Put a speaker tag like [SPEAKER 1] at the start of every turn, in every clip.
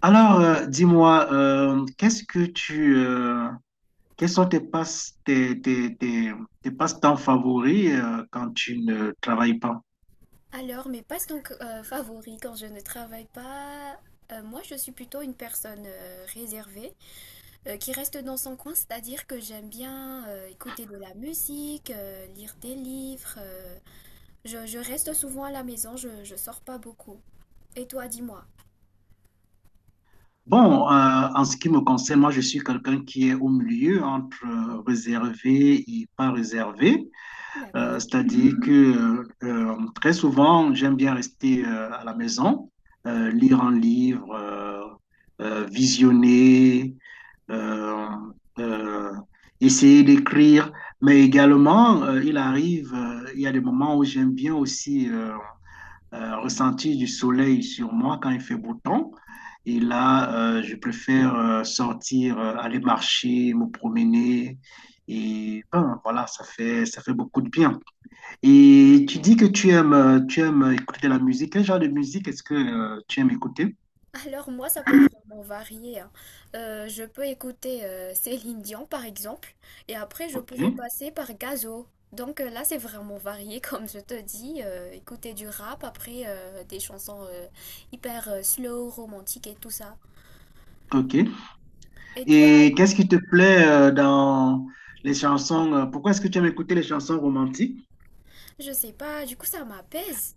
[SPEAKER 1] Dis-moi, qu'est-ce que quels sont tes passe, tes, tes, tes, tes passe-temps favoris, quand tu ne travailles pas?
[SPEAKER 2] Alors, mes passe donc favoris quand je ne travaille pas, moi je suis plutôt une personne réservée, qui reste dans son coin, c'est-à-dire que j'aime bien écouter de la musique, lire des livres. Je reste souvent à la maison, je sors pas beaucoup. Et toi, dis-moi.
[SPEAKER 1] En ce qui me concerne, moi, je suis quelqu'un qui est au milieu entre réservé et pas réservé.
[SPEAKER 2] D'accord.
[SPEAKER 1] C'est-à-dire que très souvent, j'aime bien rester à la maison, lire un livre, visionner, euh, euh, essayer d'écrire. Mais également, il arrive, il y a des moments où j'aime bien aussi ressentir du soleil sur moi quand il fait beau temps. Et là, je préfère sortir, aller marcher, me promener. Et ben, voilà, ça fait beaucoup de bien. Et tu dis que tu aimes écouter de la musique. Quel genre de musique est-ce que tu aimes écouter?
[SPEAKER 2] Alors moi, ça peut vraiment varier, hein. Je peux écouter Céline Dion, par exemple, et après, je
[SPEAKER 1] Ok,
[SPEAKER 2] pourrais passer par Gazo. Donc là, c'est vraiment varié, comme je te dis. Écouter du rap, après des chansons hyper slow, romantiques et tout ça.
[SPEAKER 1] ok.
[SPEAKER 2] Et toi,
[SPEAKER 1] Et qu'est-ce qui te plaît dans les chansons? Pourquoi est-ce que tu aimes écouter les chansons romantiques?
[SPEAKER 2] je sais pas, du coup, ça m'apaise.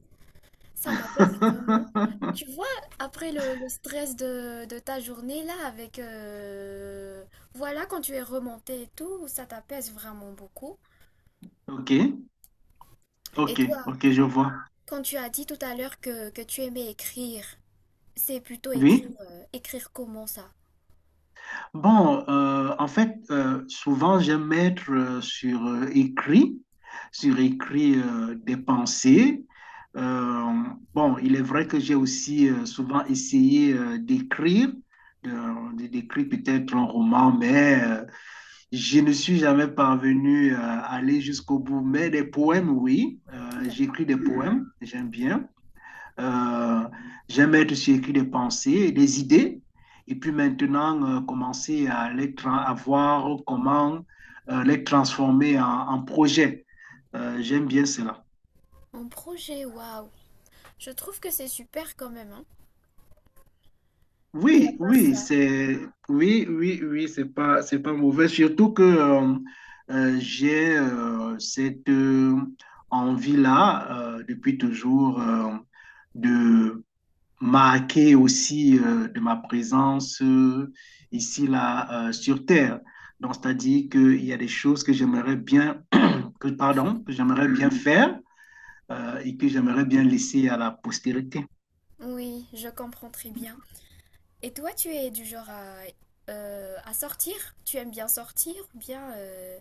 [SPEAKER 2] Ça m'apaise vraiment. Tu vois, après le stress de ta journée, là, avec... voilà, quand tu es remonté et tout, ça t'apaise vraiment beaucoup.
[SPEAKER 1] Ok,
[SPEAKER 2] Et
[SPEAKER 1] ok,
[SPEAKER 2] toi?
[SPEAKER 1] ok, je vois.
[SPEAKER 2] Quand tu as dit tout à l'heure que tu aimais écrire, c'est plutôt
[SPEAKER 1] Oui.
[SPEAKER 2] écrire, écrire comment ça?
[SPEAKER 1] En fait, souvent j'aime mettre sur écrit, sur écrit des pensées. Euh, bon, il est vrai que j'ai aussi souvent essayé d'écrire, de, d'écrire peut-être un roman, mais je ne suis jamais parvenu à aller jusqu'au bout. Mais des poèmes, oui,
[SPEAKER 2] D'accord.
[SPEAKER 1] j'écris des poèmes, j'aime bien. Euh, J'aime être sur écrit des pensées, des idées, et puis maintenant commencer à, à voir comment les transformer en, en projet. J'aime bien cela.
[SPEAKER 2] En projet, waouh! Je trouve que c'est super quand même, hein. Et à
[SPEAKER 1] Oui,
[SPEAKER 2] part
[SPEAKER 1] oui,
[SPEAKER 2] ça,
[SPEAKER 1] c'est oui, oui, oui, c'est pas mauvais. Surtout que j'ai cette envie-là depuis toujours de marqué aussi de ma présence ici, là, sur Terre. Donc, c'est-à-dire qu'il y a des choses que j'aimerais bien, que, pardon, que j'aimerais bien faire et que j'aimerais bien laisser à la postérité.
[SPEAKER 2] oui, je comprends très bien. Et toi, tu es du genre à sortir? Tu aimes bien sortir ou bien,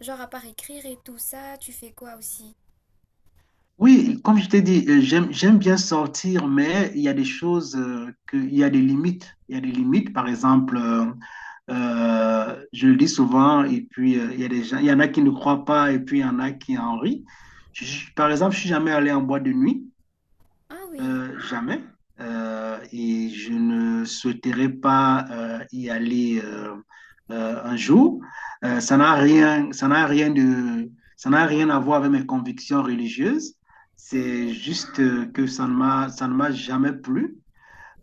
[SPEAKER 2] genre à part écrire et tout ça, tu fais quoi aussi?
[SPEAKER 1] Oui, comme je t'ai dit, j'aime bien sortir, mais il y a des choses, que, il y a des limites. Il y a des limites, par exemple, je le dis souvent, et puis il y a des gens, il y en a qui ne croient pas, et puis il y en a qui en rient. Par exemple, je suis jamais allé en boîte de nuit.
[SPEAKER 2] Ah oui,
[SPEAKER 1] Jamais. Et je ne souhaiterais pas y aller un jour. Ça n'a rien de, ça n'a rien à voir avec mes convictions religieuses.
[SPEAKER 2] ah
[SPEAKER 1] C'est
[SPEAKER 2] oui.
[SPEAKER 1] juste que ça ne m'a jamais plu.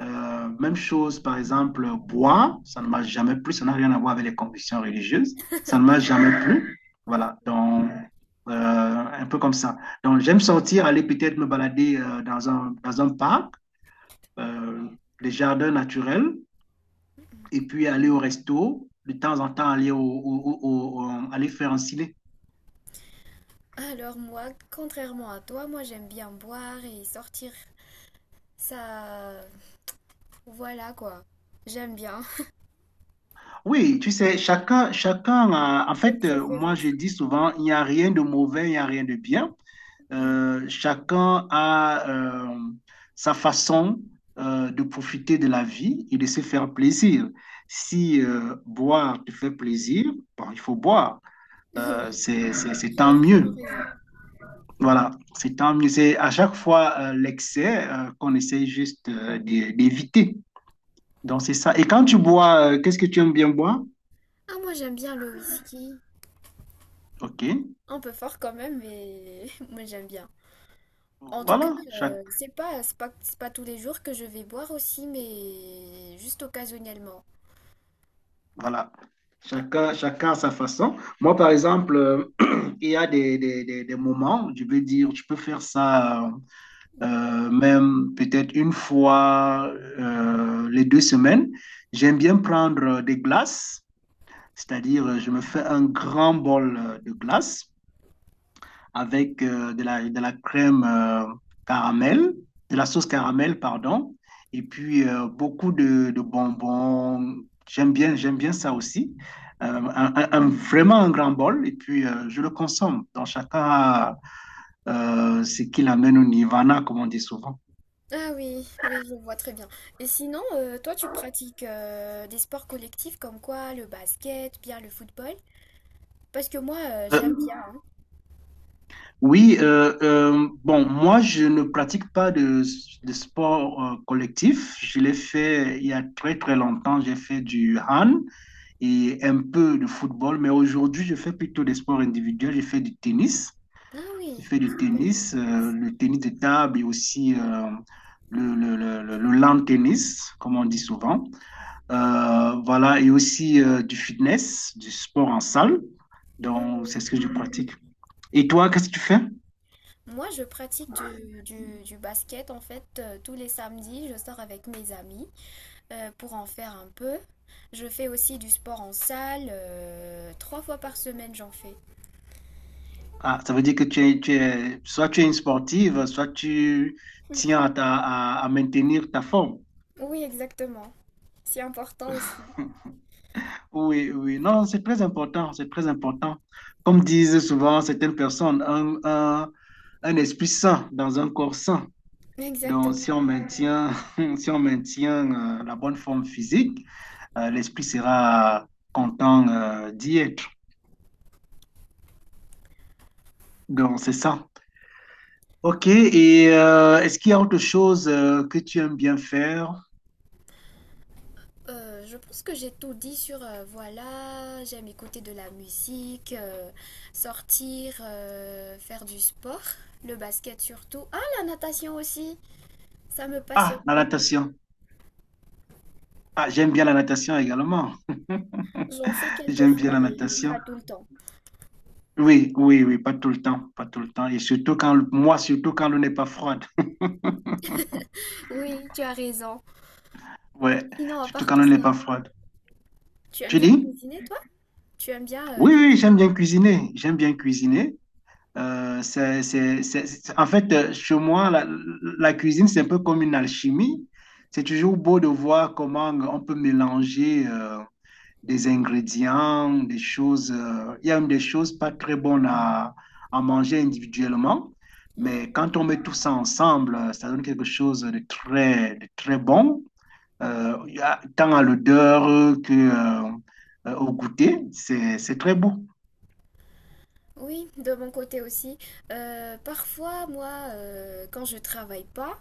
[SPEAKER 1] Même chose, par exemple, boire, ça ne marche jamais plus, ça n'a rien à voir avec les convictions religieuses, ça ne marche jamais plus. Voilà,
[SPEAKER 2] D'accord.
[SPEAKER 1] donc, euh, un peu comme ça. Donc, j'aime sortir, aller peut-être me balader dans un parc, euh, des jardins naturels, et puis aller au resto, de temps en temps aller, au, au- au- au- aller faire un ciné.
[SPEAKER 2] Alors moi, contrairement à toi, moi j'aime bien boire et sortir. Ça, voilà quoi. J'aime bien.
[SPEAKER 1] Oui, tu sais, en
[SPEAKER 2] Des
[SPEAKER 1] fait, moi
[SPEAKER 2] préférences.
[SPEAKER 1] je dis souvent, il n'y a rien de mauvais, il n'y a rien de bien.
[SPEAKER 2] Mm.
[SPEAKER 1] Chacun a euh, sa façon de profiter de la vie et de se faire plaisir. Si boire te fait plaisir, bon, il faut boire.
[SPEAKER 2] Oui,
[SPEAKER 1] C'est
[SPEAKER 2] tu
[SPEAKER 1] tant
[SPEAKER 2] as vraiment
[SPEAKER 1] mieux.
[SPEAKER 2] raison.
[SPEAKER 1] Voilà, c'est tant mieux. C'est à chaque fois l'excès qu'on essaie juste d'éviter. Donc, c'est ça. Et quand tu bois, qu'est-ce que tu aimes bien boire?
[SPEAKER 2] Ah, moi j'aime bien le whisky.
[SPEAKER 1] OK.
[SPEAKER 2] Un peu fort quand même, mais moi j'aime bien. En tout cas,
[SPEAKER 1] Voilà, chacun.
[SPEAKER 2] c'est pas, c'est pas, c'est pas tous les jours que je vais boire aussi, mais juste occasionnellement.
[SPEAKER 1] Voilà. Chacun, chacun à sa façon. Moi, par exemple, il y a des moments, où je veux dire, tu peux faire ça même peut-être une fois les deux semaines. J'aime bien prendre des glaces, c'est-à-dire je me fais un grand bol de glace avec de la crème caramel, de la sauce caramel, pardon, et puis de bonbons. J'aime bien ça aussi. Vraiment un grand bol, et puis je le consomme. Donc chacun a ce qu'il amène au nirvana, comme on dit souvent.
[SPEAKER 2] Ah oui, oui, je vois très bien. Et sinon, toi, tu pratiques des sports collectifs comme quoi le basket, bien le football? Parce que moi, j'aime
[SPEAKER 1] Euh,
[SPEAKER 2] bien, hein.
[SPEAKER 1] Oui, moi, je ne pratique pas de, de sport collectif. Je l'ai fait il y a très, très longtemps. J'ai fait du hand et un peu de football, mais aujourd'hui, je fais plutôt des sports individuels. Je fais du tennis.
[SPEAKER 2] Ah
[SPEAKER 1] Je
[SPEAKER 2] oui,
[SPEAKER 1] fais du
[SPEAKER 2] super le
[SPEAKER 1] tennis,
[SPEAKER 2] tennis.
[SPEAKER 1] le tennis de table et aussi le lawn tennis, comme on dit souvent. Voilà, et aussi du fitness, du sport en salle. Donc, c'est ce que je pratique. Et toi, qu'est-ce que tu fais?
[SPEAKER 2] Moi, je pratique du, du basket en fait tous les samedis. Je sors avec mes amis pour en faire un peu. Je fais aussi du sport en salle. Trois fois par semaine, j'en fais.
[SPEAKER 1] Ah, ça veut dire que soit tu es une sportive, soit tu tiens à, à maintenir ta forme.
[SPEAKER 2] Oui, exactement. C'est important aussi.
[SPEAKER 1] Oui, oui, non, c'est très important, c'est très important. Comme disent souvent certaines personnes, un esprit sain dans un corps sain. Donc, si
[SPEAKER 2] Exactement.
[SPEAKER 1] on maintient, si on maintient la bonne forme physique, l'esprit sera content d'y être. Donc, c'est ça. Ok, et est-ce qu'il y a autre chose que tu aimes bien faire?
[SPEAKER 2] Je pense que j'ai tout dit sur voilà, j'aime écouter de la musique, sortir, faire du sport, le basket surtout. Ah, la natation aussi, ça me passionne
[SPEAKER 1] Ah, la
[SPEAKER 2] beaucoup.
[SPEAKER 1] natation. Ah, j'aime bien la natation également.
[SPEAKER 2] J'en fais quelques
[SPEAKER 1] J'aime bien
[SPEAKER 2] fois,
[SPEAKER 1] la
[SPEAKER 2] mais
[SPEAKER 1] natation.
[SPEAKER 2] pas tout le temps.
[SPEAKER 1] Oui, oui, oui, pas tout le temps, pas tout le temps. Et surtout quand, moi, surtout quand l'eau n'est pas froide.
[SPEAKER 2] Oui, tu as raison.
[SPEAKER 1] Ouais,
[SPEAKER 2] Sinon, à
[SPEAKER 1] surtout
[SPEAKER 2] part
[SPEAKER 1] quand
[SPEAKER 2] tout
[SPEAKER 1] l'eau n'est
[SPEAKER 2] ça,
[SPEAKER 1] pas froide.
[SPEAKER 2] tu aimes
[SPEAKER 1] Tu
[SPEAKER 2] bien
[SPEAKER 1] dis?
[SPEAKER 2] cuisiner, toi? Tu aimes bien
[SPEAKER 1] Oui, oui, j'aime
[SPEAKER 2] cuisiner?
[SPEAKER 1] bien cuisiner. J'aime bien cuisiner. En fait, chez moi, la cuisine, c'est un peu comme une alchimie. C'est toujours beau de voir comment on peut mélanger des ingrédients, des choses. Il y a même des choses pas très bonnes à manger individuellement, mais
[SPEAKER 2] Hmm.
[SPEAKER 1] quand on met tout ça ensemble, ça donne quelque chose de très bon, il y a tant à l'odeur que, euh, au goûter. C'est très beau.
[SPEAKER 2] Oui, de mon côté aussi. Parfois, moi, quand je travaille pas,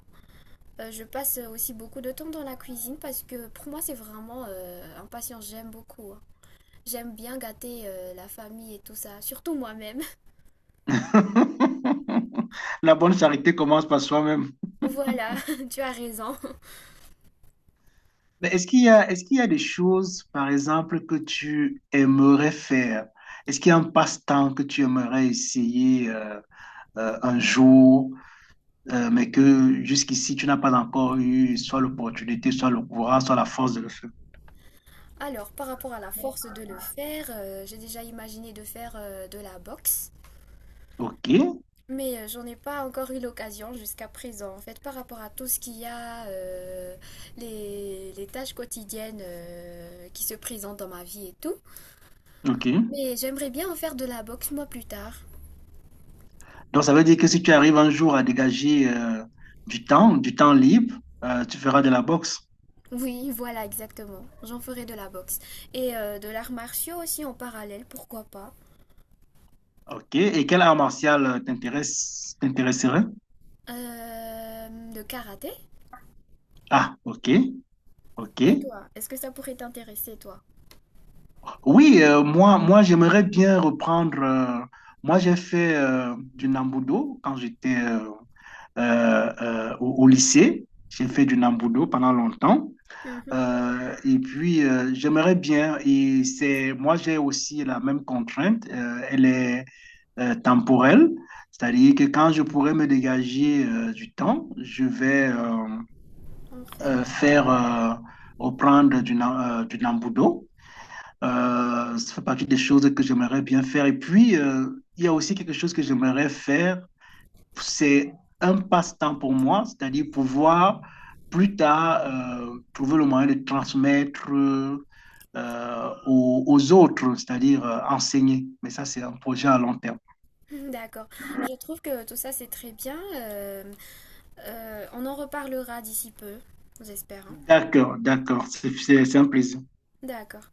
[SPEAKER 2] je passe aussi beaucoup de temps dans la cuisine parce que pour moi, c'est vraiment un passion. J'aime beaucoup, hein. J'aime bien gâter la famille et tout ça, surtout moi-même.
[SPEAKER 1] La bonne charité commence par soi-même.
[SPEAKER 2] Voilà, tu as raison.
[SPEAKER 1] Mais est-ce qu'il y a des choses, par exemple, que tu aimerais faire? Est-ce qu'il y a un passe-temps que tu aimerais essayer un jour? Mais que jusqu'ici, tu n'as pas encore eu soit l'opportunité, soit le courage, soit la force de le faire.
[SPEAKER 2] Alors, par rapport à la force de le faire, j'ai déjà imaginé de faire de la boxe.
[SPEAKER 1] OK,
[SPEAKER 2] Mais j'en ai pas encore eu l'occasion jusqu'à présent. En fait, par rapport à tout ce qu'il y a, les tâches quotidiennes qui se présentent dans ma vie et tout.
[SPEAKER 1] OK.
[SPEAKER 2] Mais j'aimerais bien en faire de la boxe moi plus tard.
[SPEAKER 1] Donc, ça veut dire que si tu arrives un jour à dégager du temps libre, tu feras de la boxe.
[SPEAKER 2] Oui, voilà, exactement. J'en ferai de la boxe. Et de l'art martiaux aussi en parallèle, pourquoi pas.
[SPEAKER 1] OK. Et quel art martial t'intéresserait?
[SPEAKER 2] De karaté?
[SPEAKER 1] Ah, OK, OK.
[SPEAKER 2] Et toi, est-ce que ça pourrait t'intéresser, toi?
[SPEAKER 1] Oui, moi j'aimerais bien reprendre. Moi, j'ai fait du Nambudo quand j'étais au lycée. J'ai fait du Nambudo pendant longtemps.
[SPEAKER 2] Mhm.
[SPEAKER 1] Et puis, j'aimerais bien, et c'est, moi j'ai aussi la même contrainte, elle est temporelle, c'est-à-dire que quand je pourrais me dégager du temps, je vais
[SPEAKER 2] En faire.
[SPEAKER 1] faire reprendre du Nambudo. Ça fait partie des choses que j'aimerais bien faire. Et puis, il y a aussi quelque chose que j'aimerais faire, c'est un passe-temps pour moi, c'est-à-dire pouvoir plus tard trouver le moyen de transmettre aux autres, c'est-à-dire enseigner. Mais ça, c'est un projet à long terme.
[SPEAKER 2] D'accord. Je trouve que tout ça c'est très bien. On en reparlera d'ici peu, j'espère, hein.
[SPEAKER 1] D'accord, d'accord, c'est un plaisir.
[SPEAKER 2] D'accord.